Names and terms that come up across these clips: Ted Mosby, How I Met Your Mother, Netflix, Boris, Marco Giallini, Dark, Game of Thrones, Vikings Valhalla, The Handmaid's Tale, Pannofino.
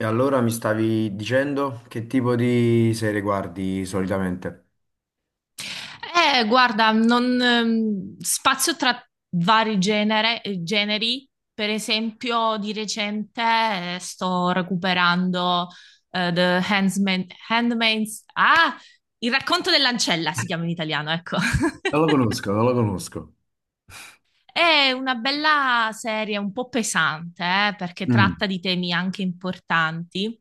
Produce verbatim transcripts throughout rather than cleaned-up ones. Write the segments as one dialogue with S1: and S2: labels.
S1: E allora mi stavi dicendo che tipo di serie guardi solitamente?
S2: Eh, guarda, non, ehm, spazio tra vari genere- eh, generi. Per esempio, di recente eh, sto recuperando eh, The Handsman- Handmaid's. Ah! Il racconto dell'ancella si chiama in italiano, ecco.
S1: Non lo conosco, non lo conosco.
S2: È una bella serie, un po' pesante, eh, perché tratta
S1: Mm.
S2: di temi anche importanti.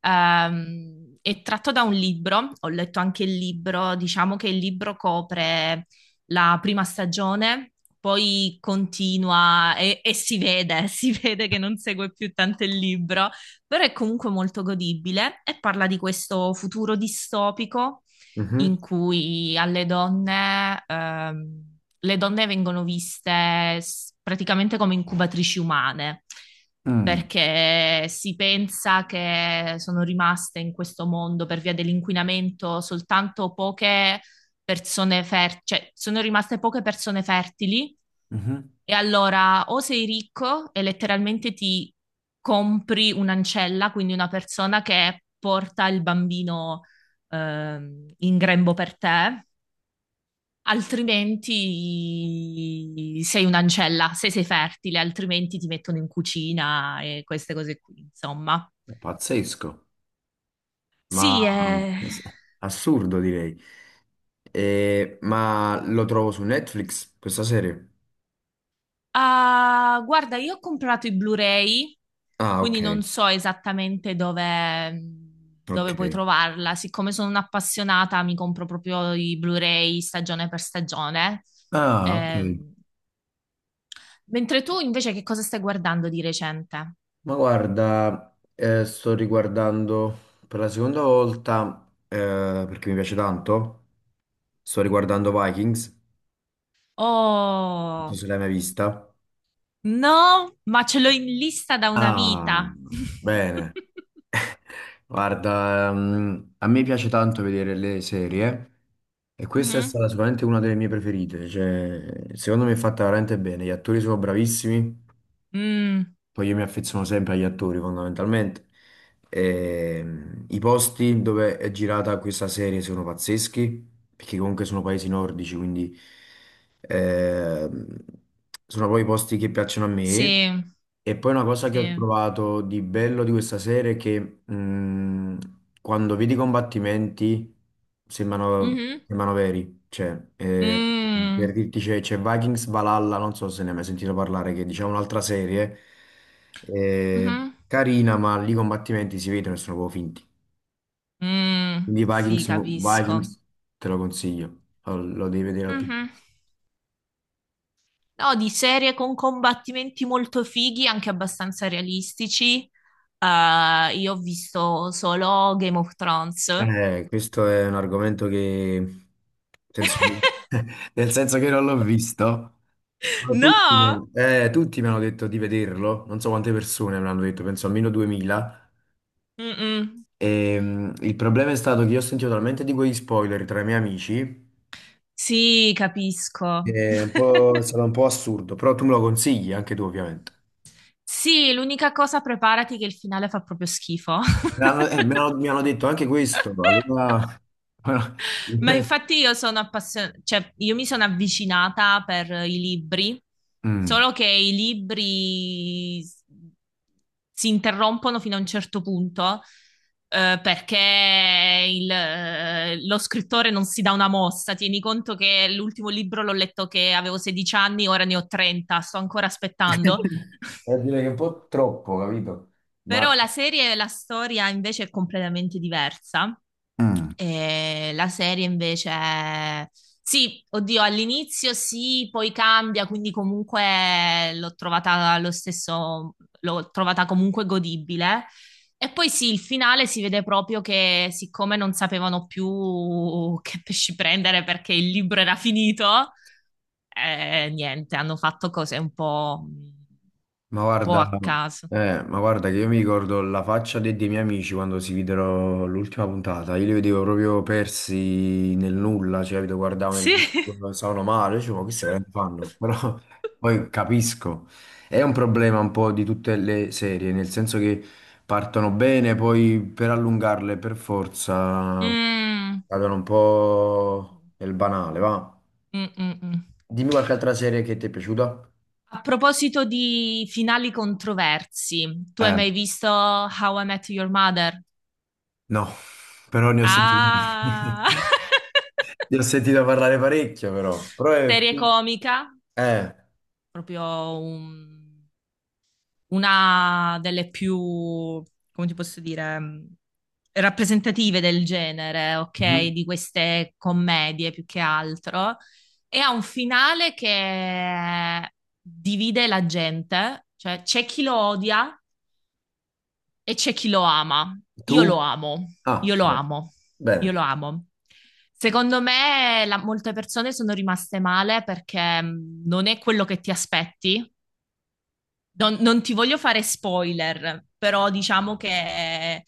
S2: Ehm, è tratto da un libro, ho letto anche il libro, diciamo che il libro copre la prima stagione, poi continua e, e si vede, si vede che non segue più tanto il libro, però è comunque molto godibile e parla di questo futuro distopico
S1: Mhm.
S2: in cui alle donne, ehm, le donne vengono viste s- praticamente come incubatrici umane,
S1: Mm.
S2: perché si pensa che sono rimaste in questo mondo per via dell'inquinamento soltanto poche persone fertili, cioè sono rimaste poche persone fertili.
S1: Mhm.
S2: E allora o sei ricco e letteralmente ti compri un'ancella, quindi una persona che porta il bambino ehm, in grembo per te. Altrimenti sei un'ancella, se sei fertile, altrimenti ti mettono in cucina e queste cose qui, insomma.
S1: Pazzesco, ma
S2: Sì, eh.
S1: assurdo direi. E- ma lo trovo su Netflix questa serie?
S2: Ah, guarda, io ho comprato i Blu-ray,
S1: Ah, ok,
S2: quindi non so esattamente dove,
S1: ok.
S2: dove puoi trovarla. Siccome sono un'appassionata, mi compro proprio i Blu-ray stagione per stagione.
S1: Ah, ok.
S2: Ehm, mentre tu invece che cosa stai guardando di recente?
S1: Ma guarda, eh, sto riguardando per la seconda volta, eh, perché mi piace tanto, sto riguardando Vikings, non so
S2: Oh,
S1: se l'hai mai vista.
S2: no, ma ce l'ho in lista da una
S1: Ah,
S2: vita.
S1: bene. Guarda, ehm, a me piace tanto vedere le serie e questa è
S2: Mhm.
S1: stata sicuramente una delle mie preferite. Cioè, secondo me è fatta veramente bene. Gli attori sono bravissimi,
S2: Mm,
S1: poi io mi affeziono sempre agli attori fondamentalmente. Ehm, I posti dove è girata questa serie sono pazzeschi, perché comunque sono paesi nordici, quindi eh, sono poi i posti che piacciono a me.
S2: sì,
S1: E poi una cosa che ho
S2: sì.
S1: trovato di bello di questa serie è che mh, quando vedi i combattimenti sembrano,
S2: Mhm.
S1: sembrano veri. Cioè, eh, per
S2: Mm,
S1: dirti c'è c'è Vikings Valhalla, non so se ne hai mai sentito parlare, che è diciamo un'altra serie eh,
S2: mhm.
S1: carina, ma lì i combattimenti si vedono e sono proprio finti.
S2: Mm,
S1: Quindi
S2: sì,
S1: Vikings,
S2: capisco.
S1: Vikings te lo consiglio, lo lo devi vedere al più.
S2: Mhm. No, di serie con combattimenti molto fighi, anche abbastanza realistici. eh, io ho visto solo Game of Thrones.
S1: Eh, questo è un argomento che, senso- nel senso che non l'ho visto, ma tutti,
S2: No!
S1: mi- eh, tutti mi hanno detto di vederlo, non so quante persone me l'hanno detto, penso almeno duemila.
S2: Mm-mm.
S1: E, mm, il problema è stato che io ho sentito talmente di quegli spoiler tra i miei amici
S2: Sì, capisco.
S1: che è un po', è stato un po' assurdo, però tu me lo consigli, anche tu ovviamente.
S2: Sì, l'unica cosa preparati che il finale fa proprio schifo.
S1: Me l'hanno- eh, me l'hanno- mi hanno detto anche questo, allora...
S2: Ma infatti io sono appassionata, cioè io mi sono avvicinata per i libri,
S1: Mm.
S2: solo che i libri s- si interrompono fino a un certo punto, eh, perché il, eh, lo scrittore non si dà una mossa. Tieni conto che l'ultimo libro l'ho letto che avevo sedici anni, ora ne ho trenta, sto ancora aspettando.
S1: Devo dire che è un po' troppo, capito?
S2: Però
S1: Ma...
S2: la serie, la storia invece è completamente diversa.
S1: Mm.
S2: Eh, la serie invece è. Sì, oddio, all'inizio sì, poi cambia, quindi comunque l'ho trovata lo stesso, l'ho trovata comunque godibile. E poi sì, il finale si vede proprio che siccome non sapevano più che pesci prendere perché il libro era finito, eh, niente, hanno fatto cose un po', un
S1: Ma
S2: po' a
S1: guarda,
S2: caso.
S1: eh, ma guarda che io mi ricordo la faccia de- dei miei amici quando si videro l'ultima puntata, io li vedevo proprio persi nel nulla, cioè capito, guardavo il
S2: Sì.
S1: buco, stavano male, dicevo, ma questi veramente fanno? Però poi capisco, è un problema un po' di tutte le serie, nel senso che partono bene, poi per allungarle per forza
S2: Mm,
S1: cadono un po' nel banale, va?
S2: mm, mm, mm.
S1: Dimmi qualche altra serie che ti è piaciuta?
S2: A proposito di finali controversi, tu hai mai visto How I Met Your Mother?
S1: No, però ne ho sentito,
S2: Ah!
S1: ne ho sentito parlare parecchio, però. Però è
S2: Serie
S1: più-
S2: comica,
S1: eh.
S2: proprio un- una delle più, come ti posso dire, mh, rappresentative del genere, ok?
S1: Mhm.
S2: Di queste commedie più che altro. E ha un finale che divide la gente, cioè c'è chi lo odia e c'è chi lo ama. Io
S1: Tu?
S2: lo amo,
S1: Ah,
S2: io lo
S1: bene.
S2: amo, io
S1: Bene.
S2: lo amo. Secondo me la- molte persone sono rimaste male perché mh, non è quello che ti aspetti, non, non ti voglio fare spoiler, però diciamo che eh,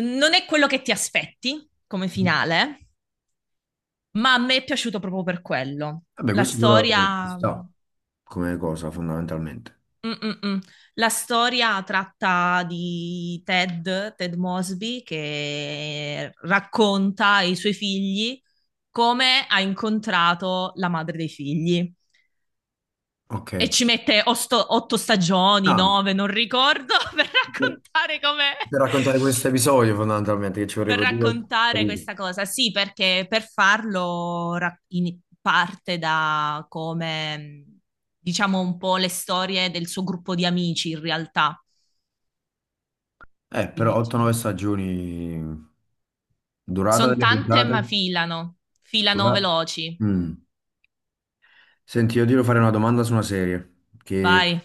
S2: non è quello che ti aspetti come finale, ma a me è piaciuto proprio per quello.
S1: Vabbè,
S2: La
S1: questo però ci
S2: storia.
S1: sta come cosa, fondamentalmente.
S2: Mm-mm-mm. La storia tratta di Ted, Ted Mosby, che racconta ai suoi figli come ha incontrato la madre dei figli.
S1: Ok.
S2: E ci mette osto- otto stagioni,
S1: Ah,
S2: nove, non ricordo, per
S1: per,
S2: raccontare com'è,
S1: per raccontare questo episodio, fondamentalmente, che ci
S2: per
S1: vorrebbero due...
S2: raccontare
S1: capito?
S2: questa cosa. Sì, perché per farlo ra- in- parte da come, diciamo, un po' le storie del suo gruppo di amici, in realtà.
S1: Eh, però
S2: Quindi
S1: otto nove stagioni, durata
S2: sono
S1: delle
S2: tante, ma
S1: puntate?
S2: filano, filano
S1: Dura-
S2: veloci.
S1: Mm. Senti, io ti devo fare una domanda su una serie che...
S2: Vai,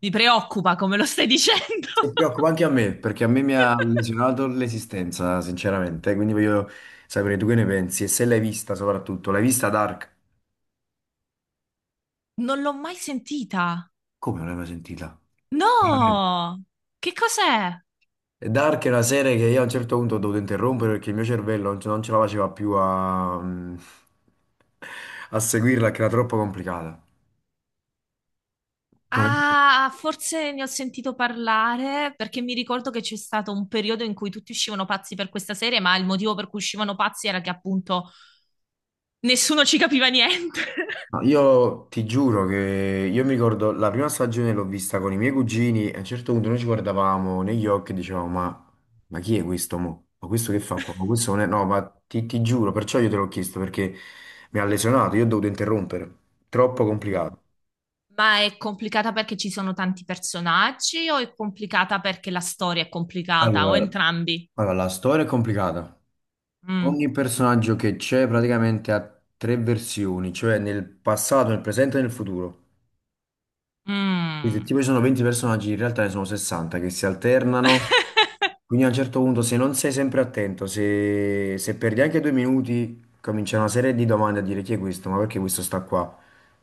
S2: mi preoccupa come lo stai dicendo.
S1: Si preoccupa anche a me, perché a me mi ha lesionato l'esistenza, sinceramente. Quindi voglio sapere tu che ne pensi. E se l'hai vista, soprattutto, l'hai vista Dark?
S2: Non l'ho mai sentita.
S1: Come non l'hai mai sentita? Veramente.
S2: No! Che cos'è?
S1: E Dark è una serie che io a un certo punto ho dovuto interrompere perché il mio cervello non ce non ce la faceva più a, mm, a seguirla, che era troppo complicata. Non è-
S2: Ah, forse ne ho sentito parlare perché mi ricordo che c'è stato un periodo in cui tutti uscivano pazzi per questa serie, ma il motivo per cui uscivano pazzi era che appunto nessuno ci capiva niente.
S1: No, io ti giuro che io mi ricordo la prima stagione l'ho vista con i miei cugini e a un certo punto noi ci guardavamo negli occhi e dicevamo ma, ma chi è questo mo? Ma questo che fa qua? Ma questo non è... No, ma ti, ti giuro, perciò io te l'ho chiesto perché mi ha lesionato, io ho dovuto interrompere. Troppo complicato.
S2: Ma è complicata perché ci sono tanti personaggi o è complicata perché la storia è complicata o
S1: Allora,
S2: entrambi?
S1: allora, la storia è complicata.
S2: Mm.
S1: Ogni personaggio che c'è praticamente ha tre versioni, cioè nel passato, nel presente e nel futuro. Quindi se
S2: Mm.
S1: tipo ci sono venti personaggi, in realtà ne sono sessanta che si alternano. Quindi a un certo punto, se non sei sempre attento, se, se perdi anche due minuti, comincia una serie di domande a dire chi è questo, ma perché questo sta qua?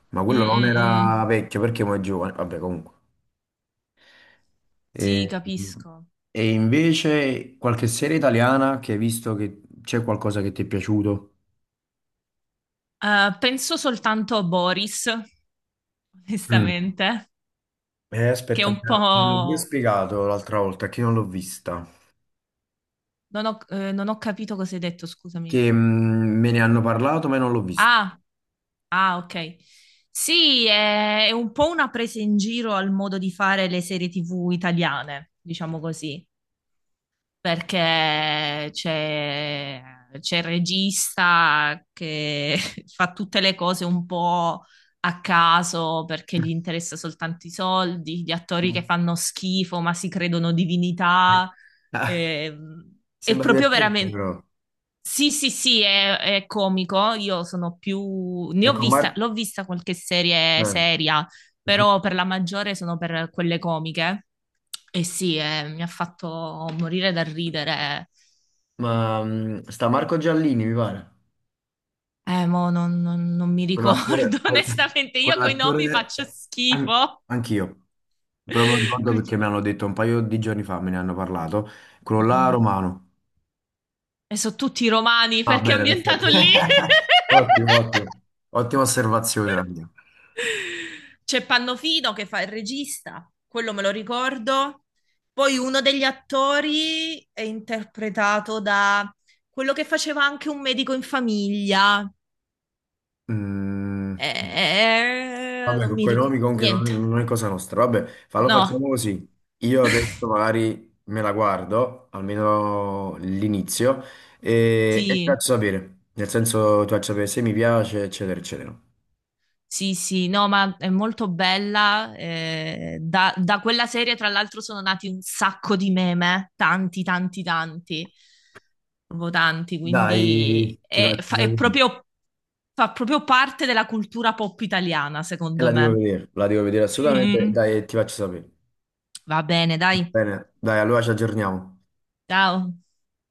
S1: Ma
S2: Mm,
S1: quello non
S2: mm, mm.
S1: era vecchio, perché mo è giovane? Vabbè, comunque.
S2: Sì,
S1: E,
S2: capisco.
S1: e invece qualche serie italiana che hai visto che c'è qualcosa che ti è piaciuto?
S2: Eh, penso soltanto a Boris,
S1: Mm.
S2: onestamente.
S1: Eh,
S2: Che è
S1: aspetta, me
S2: un
S1: l'ho pure
S2: po'.
S1: spiegato l'altra volta, che non l'ho vista.
S2: Non ho, eh, non ho capito cosa hai detto, scusami.
S1: Che mm, me ne hanno parlato, ma io non l'ho vista.
S2: Ah, ah, ok. Sì, è, è un po' una presa in giro al modo di fare le serie T V italiane, diciamo così, perché c'è c'è il regista che fa tutte le cose un po' a caso perché gli interessa soltanto i soldi, gli attori che fanno schifo ma si credono divinità.
S1: Ah,
S2: Ehm, È
S1: sembra
S2: proprio
S1: divertente.
S2: veramente.
S1: Però.
S2: Sì, sì, sì, è, è comico. Io sono più. Ne ho
S1: Ecco,
S2: vista,
S1: Mar-
S2: l'ho vista qualche serie
S1: eh,
S2: seria, però per la maggiore sono per quelle comiche. E sì, eh, mi ha fatto morire dal ridere.
S1: Ma mh, sta Marco Giallini, mi pare.
S2: Eh, mo non, non- non mi
S1: quell'attore,
S2: ricordo,
S1: quel-
S2: onestamente. Io coi nomi
S1: quell'attore,
S2: faccio
S1: eh, an-
S2: schifo.
S1: anch'io, però me lo ricordo perché mi
S2: Quindi.
S1: hanno detto un paio di giorni fa, me ne hanno parlato, quello
S2: Mm,
S1: là
S2: mm.
S1: romano.
S2: E sono tutti romani,
S1: Ah,
S2: perché è
S1: bene,
S2: ambientato
S1: perfetto.
S2: lì.
S1: Ottimo, ottimo. Ottima osservazione la mia.
S2: C'è Pannofino che fa il regista, quello me lo ricordo. Poi uno degli attori è interpretato da quello che faceva anche un medico in famiglia.
S1: Mm.
S2: Eh,
S1: Vabbè,
S2: non
S1: con
S2: mi
S1: quei nomi
S2: ricordo
S1: comunque non,
S2: niente.
S1: non è cosa nostra. Vabbè, fallo
S2: No.
S1: facciamo così. Io adesso magari me la guardo, almeno l'inizio, e, e ti
S2: Sì.
S1: faccio sapere. Nel senso, ti faccio sapere se mi piace, eccetera, eccetera.
S2: Sì, sì, no, ma è molto bella. eh, da, da quella serie, tra l'altro, sono nati un sacco di meme, tanti, tanti, tanti, proprio tanti, quindi
S1: Dai, ti
S2: è,
S1: faccio
S2: fa- è
S1: sapere.
S2: proprio, fa proprio parte della cultura pop italiana,
S1: E
S2: secondo
S1: la devo
S2: me.
S1: vedere, la devo vedere
S2: Mm,
S1: assolutamente.
S2: mm.
S1: Dai, ti faccio sapere.
S2: Va bene,
S1: Va
S2: dai,
S1: bene, dai, allora ci aggiorniamo.
S2: ciao.